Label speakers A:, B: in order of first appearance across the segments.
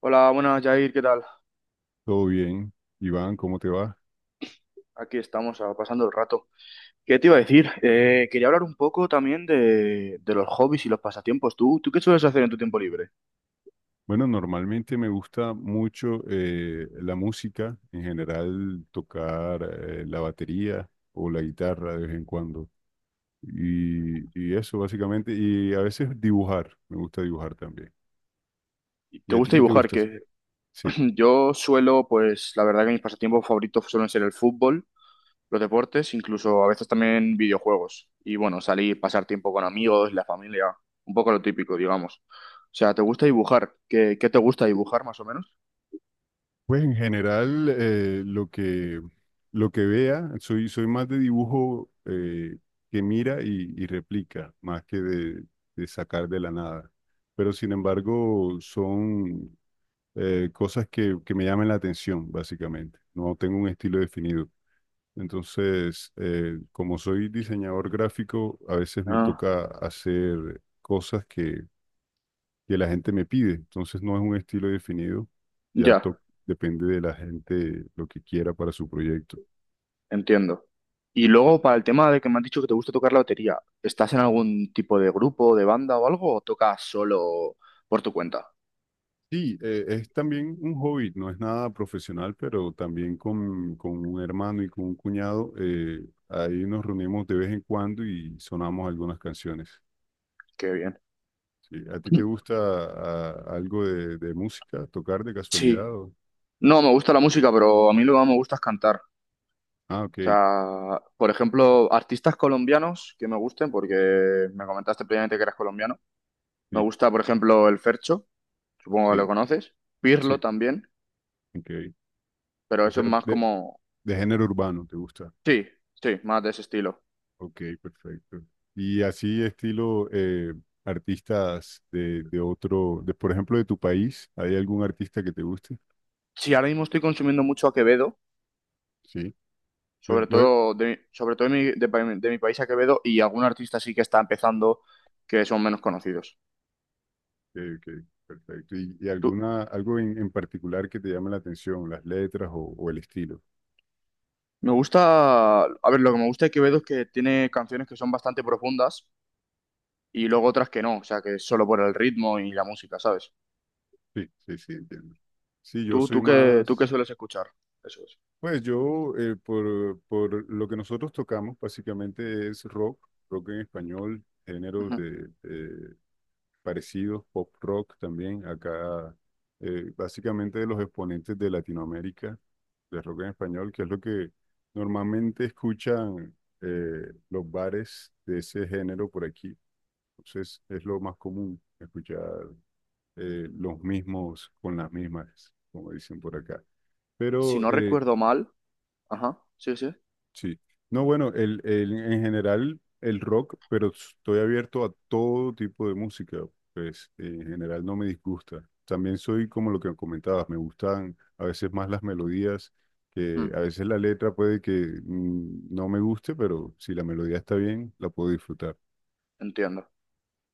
A: Hola, buenas, Jair, ¿qué tal?
B: Todo bien, Iván, ¿cómo te va?
A: Aquí estamos, pasando el rato. ¿Qué te iba a decir? Quería hablar un poco también de los hobbies y los pasatiempos. ¿¿Tú qué sueles hacer en tu tiempo libre?
B: Bueno, normalmente me gusta mucho la música, en general tocar la batería o la guitarra de vez en cuando. Y eso básicamente, y a veces dibujar, me gusta dibujar también. ¿Y
A: ¿Te
B: a ti
A: gusta
B: qué te
A: dibujar?
B: gusta hacer?
A: Que
B: Sí.
A: yo suelo, pues la verdad que mis pasatiempos favoritos suelen ser el fútbol, los deportes, incluso a veces también videojuegos. Y bueno, salir, pasar tiempo con amigos, la familia, un poco lo típico, digamos. O sea, ¿te gusta dibujar? ¿¿Qué te gusta dibujar más o menos?
B: Pues en general, lo que vea, soy más de dibujo que mira y replica, más de sacar de la nada. Pero sin embargo, son cosas que me llaman la atención, básicamente. No tengo un estilo definido. Entonces, como soy diseñador gráfico, a veces me
A: Ah,
B: toca hacer cosas que la gente me pide. Entonces no es un estilo definido, ya
A: ya.
B: to- depende de la gente lo que quiera para su proyecto.
A: Entiendo. Y luego,
B: Sí,
A: para el tema de que me has dicho que te gusta tocar la batería, ¿estás en algún tipo de grupo, de banda o algo, o tocas solo por tu cuenta?
B: sí, es también un hobby, no es nada profesional, pero también con un hermano y con un cuñado, ahí nos reunimos de vez en cuando y sonamos algunas canciones.
A: Qué bien.
B: Sí, ¿a ti te gusta algo de música, tocar de casualidad?
A: Sí.
B: O...
A: No, me gusta la música, pero a mí lo que más me gusta es cantar.
B: Ah, ok,
A: O sea, por ejemplo, artistas colombianos que me gusten, porque me comentaste previamente que eras colombiano. Me
B: sí,
A: gusta, por ejemplo, el Fercho, supongo que lo
B: sí,
A: conoces. Pirlo
B: sí,
A: también,
B: ok.
A: pero
B: O
A: eso
B: sea,
A: es más como...
B: de género urbano, ¿te gusta?
A: Sí, sí, más de ese estilo.
B: Ok, perfecto. Y así estilo artistas de otro, de, por ejemplo, de tu país, ¿hay algún artista que te guste?
A: Sí, ahora mismo estoy consumiendo mucho a Quevedo
B: Sí. Lo-
A: sobre
B: lo-
A: todo de mi país a Quevedo y algún artista sí que está empezando que son menos conocidos.
B: ok, perfecto. Y
A: Tú-
B: alguna, algo en particular que te llame la atención, las letras o el estilo?
A: Me gusta, a ver, lo que me gusta de Quevedo es que tiene canciones que son bastante profundas y luego otras que no, o sea, que es solo por el ritmo y la música, ¿sabes?
B: Sí, sí, sí, entiendo. Sí, yo
A: Tú,
B: soy
A: tú qué
B: más,
A: sueles escuchar? Eso es.
B: pues yo, por lo que nosotros tocamos, básicamente es rock, rock en español, géneros
A: Ujú.
B: de, parecidos, pop rock también, acá básicamente de los exponentes de Latinoamérica, de rock en español, que es lo que normalmente escuchan los bares de ese género por aquí. Entonces es lo más común escuchar los mismos con las mismas, como dicen por acá.
A: Si
B: Pero
A: no recuerdo mal, ajá, sí, sí.
B: sí. No, bueno, en general el rock, pero estoy abierto a todo tipo de música, pues en general no me disgusta. También soy como lo que comentabas, me gustan a veces más las melodías, que
A: Mm,
B: a veces la letra puede que no me guste, pero si la melodía está bien, la puedo disfrutar.
A: entiendo.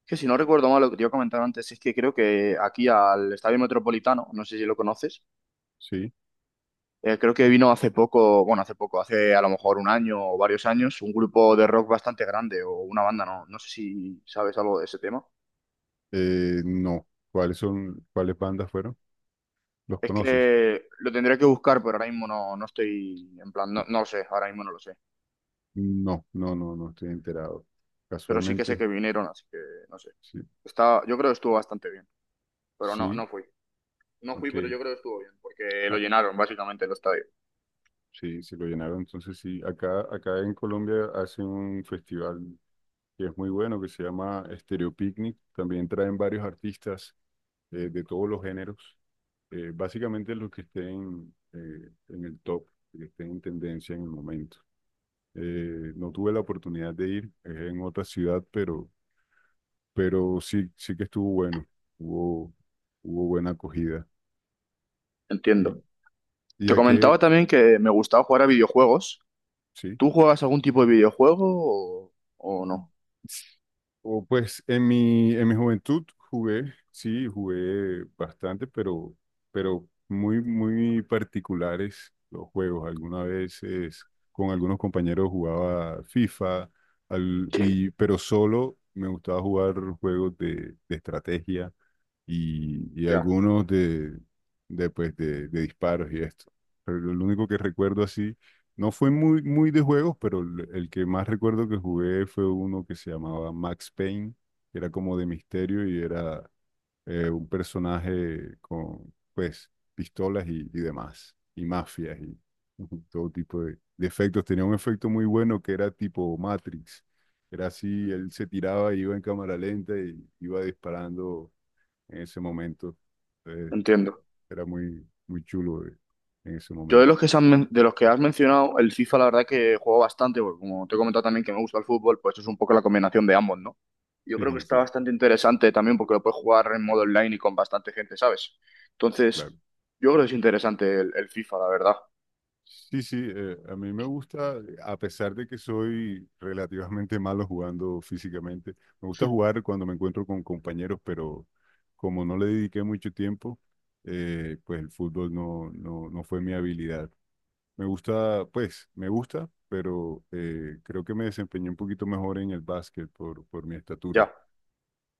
A: Que si no recuerdo mal lo que te iba a comentar antes es que creo que aquí al Estadio Metropolitano, no sé si lo conoces.
B: Sí.
A: Creo que vino hace poco, bueno, hace poco, hace a lo mejor un año o varios años, un grupo de rock bastante grande o una banda, no, no sé si sabes algo de ese tema.
B: No. ¿Cuáles son, cuáles bandas fueron? ¿Los
A: Es
B: conoces?
A: que lo tendría que buscar, pero ahora mismo no, no estoy, en plan, no, no lo sé, ahora mismo no lo sé.
B: No, no, no, no estoy enterado.
A: Pero sí que sé
B: Casualmente,
A: que vinieron, así que no sé.
B: sí,
A: Está, yo creo que estuvo bastante bien, pero no,
B: sí,
A: no fui. No fui, pero
B: ok.
A: yo creo que estuvo bien, porque lo llenaron básicamente el estadio.
B: Sí, sí lo llenaron. Entonces sí, acá en Colombia hacen un festival que es muy bueno, que se llama Stereo Picnic. También traen varios artistas de todos los géneros. Básicamente los que estén en el top, que estén en tendencia en el momento. No tuve la oportunidad de ir, es en otra ciudad, pero sí, sí que estuvo bueno. Hubo, hubo buena acogida.
A: Entiendo.
B: ¿Y, y
A: Te
B: a qué?
A: comentaba también que me gustaba jugar a videojuegos.
B: Sí.
A: ¿Tú juegas algún tipo de videojuego o, o no?
B: O, pues en mi juventud jugué, sí, jugué bastante, pero muy, muy particulares los juegos. Algunas veces con algunos compañeros jugaba FIFA,
A: Sí,
B: pero solo me gustaba jugar juegos de estrategia y
A: ya,
B: algunos de disparos y esto. Pero lo único que recuerdo así, no fue muy, muy de juegos, pero el que más recuerdo que jugué fue uno que se llamaba Max Payne, que era como de misterio y era un personaje con, pues, pistolas y demás, y mafias y ujú, todo tipo de efectos. Tenía un efecto muy bueno que era tipo Matrix. Era así, él se tiraba y iba en cámara lenta y iba disparando en ese momento. Entonces,
A: entiendo.
B: era muy, muy chulo en ese
A: Yo de
B: momento.
A: los que se han de los que has mencionado, el FIFA la verdad que juego bastante, porque como te he comentado también que me gusta el fútbol, pues es un poco la combinación de ambos, ¿no? Yo creo que
B: Sí,
A: está
B: sí,
A: bastante interesante también porque lo puedes jugar en modo online y con bastante gente, ¿sabes?
B: claro.
A: Entonces, yo creo que es interesante el FIFA, la verdad.
B: Sí, sí, a mí me gusta, a pesar de que soy relativamente malo jugando físicamente, me gusta jugar cuando me encuentro con compañeros, pero como no le dediqué mucho tiempo, pues el fútbol no, no, no fue mi habilidad. Me gusta, pues, me gusta, pero creo que me desempeñé un poquito mejor en el básquet por mi estatura.
A: Ya.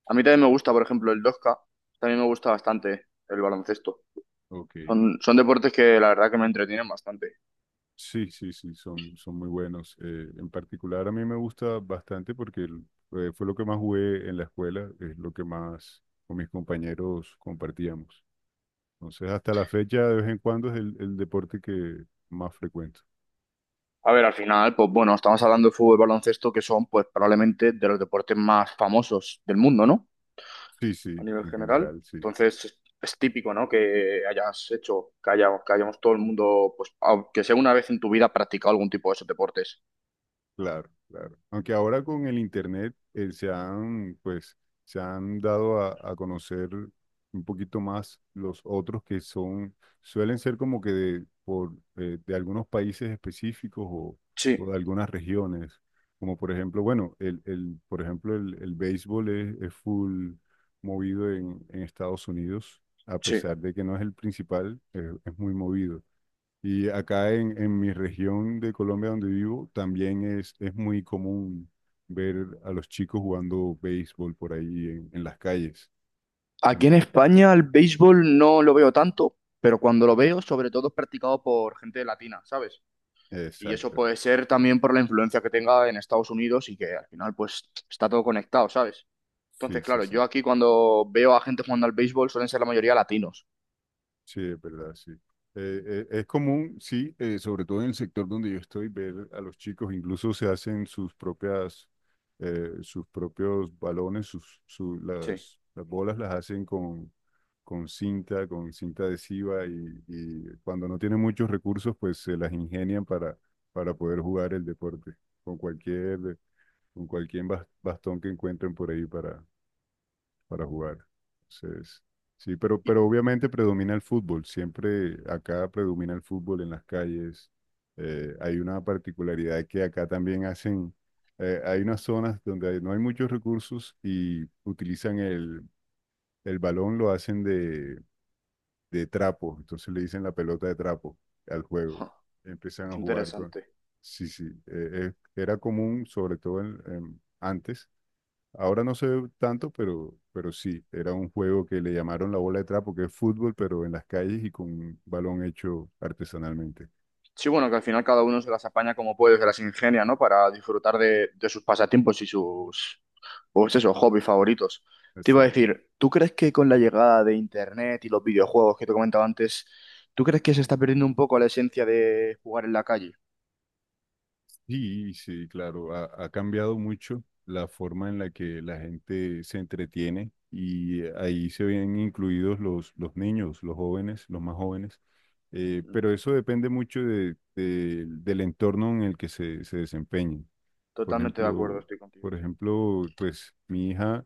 A: A mí también me gusta, por ejemplo, el 2K, también me gusta bastante el baloncesto.
B: Ok.
A: Son, son deportes que la verdad que me entretienen bastante.
B: Sí, sí, sí, son, son muy buenos. En particular a mí me gusta bastante fue lo que más jugué en la escuela, es lo que más con mis compañeros compartíamos. Entonces, hasta la fecha, de vez en cuando es el deporte que más frecuento.
A: A ver, al final, pues bueno, estamos hablando de fútbol y baloncesto, que son pues probablemente de los deportes más famosos del mundo, ¿no?
B: Sí,
A: A
B: sí,
A: nivel
B: en
A: general.
B: general, sí.
A: Entonces, es típico, ¿no? Que hayas hecho, que hayamos todo el mundo, pues, aunque sea una vez en tu vida, practicado algún tipo de esos deportes.
B: Claro, claro. Aunque ahora con el internet se han, pues, se han dado a conocer un poquito más los otros que son, suelen ser como que de, por, de algunos países específicos
A: Sí,
B: o de algunas regiones. Como por ejemplo, bueno, por ejemplo, el béisbol es full movido en Estados Unidos, a
A: sí.
B: pesar de que no es el principal, es muy movido. Y acá en mi región de Colombia donde vivo, también es muy común ver a los chicos jugando béisbol por ahí en las calles.
A: Aquí en
B: Ento-
A: España el béisbol no lo veo tanto, pero cuando lo veo, sobre todo es practicado por gente latina, ¿sabes? Y eso
B: exacto.
A: puede ser también por la influencia que tenga en Estados Unidos y que al final, pues, está todo conectado, ¿sabes?
B: Sí,
A: Entonces,
B: sí,
A: claro,
B: sí.
A: yo aquí cuando veo a gente jugando al béisbol suelen ser la mayoría latinos.
B: Sí, es verdad, sí. Es común, sí, sobre todo en el sector donde yo estoy, ver a los chicos, incluso se hacen sus propias, sus propios balones,
A: Sí.
B: las bolas las hacen con cinta adhesiva y cuando no tienen muchos recursos, pues se las ingenian para poder jugar el deporte con cualquier, con cualquier bastón que encuentren por ahí para jugar. Entonces, sí,
A: Y,
B: pero obviamente predomina el fútbol. Siempre acá predomina el fútbol en las calles. Hay una particularidad que acá también hacen, hay unas zonas no hay muchos recursos y utilizan el balón, lo hacen de trapo. Entonces le dicen la pelota de trapo al juego.
A: ja,
B: Empiezan a
A: qué
B: jugar con...
A: interesante.
B: Sí, sí, era común, sobre todo antes. Ahora no se ve tanto, pero sí, era un juego que le llamaron la bola de trapo, que es fútbol, pero en las calles y con un balón hecho artesanalmente.
A: Sí, bueno, que al final cada uno se las apaña como puede, se las ingenia, ¿no? Para disfrutar de sus pasatiempos y sus, pues eso, hobbies favoritos. Te iba a
B: Exacto.
A: decir, ¿tú crees que con la llegada de Internet y los videojuegos que te comentaba antes, ¿tú crees que se está perdiendo un poco la esencia de jugar en la calle?
B: Sí, sí, claro, ha, ha cambiado mucho la forma en la que la gente se entretiene y ahí se ven incluidos los niños, los jóvenes, los más jóvenes.
A: Mm,
B: Pero eso depende mucho del entorno en el que se desempeñen. Por
A: Totalmente de acuerdo,
B: ejemplo,
A: estoy contigo,
B: por
A: sí.
B: ejemplo, pues mi hija,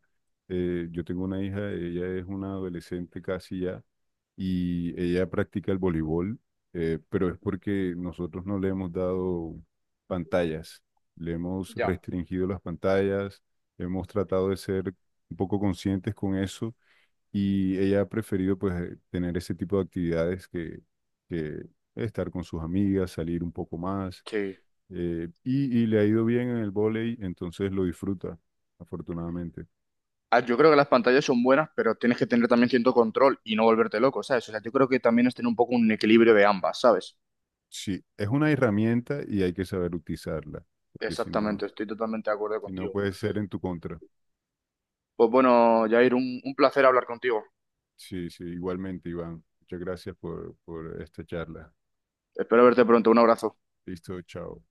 B: yo tengo una hija, ella es una adolescente casi ya, y ella practica el voleibol, pero es porque nosotros no le hemos dado pantallas, le hemos
A: Ya.
B: restringido las pantallas, hemos tratado de ser un poco conscientes con eso y ella ha preferido pues tener ese tipo de actividades que estar con sus amigas, salir un poco más.
A: Sí.
B: Y le ha ido bien en el vóley, entonces lo disfruta, afortunadamente.
A: Yo creo que las pantallas son buenas, pero tienes que tener también cierto control y no volverte loco, ¿sabes? O sea, yo creo que también es tener un poco un equilibrio de ambas, ¿sabes?
B: Sí, es una herramienta y hay que saber utilizarla, porque si no,
A: Exactamente, estoy totalmente de acuerdo
B: si no
A: contigo.
B: puede ser en tu contra.
A: Pues bueno, Jair, un placer hablar contigo.
B: Sí, sí, igualmente, Iván. Muchas gracias por esta charla.
A: Espero verte pronto. Un abrazo.
B: Listo, chao.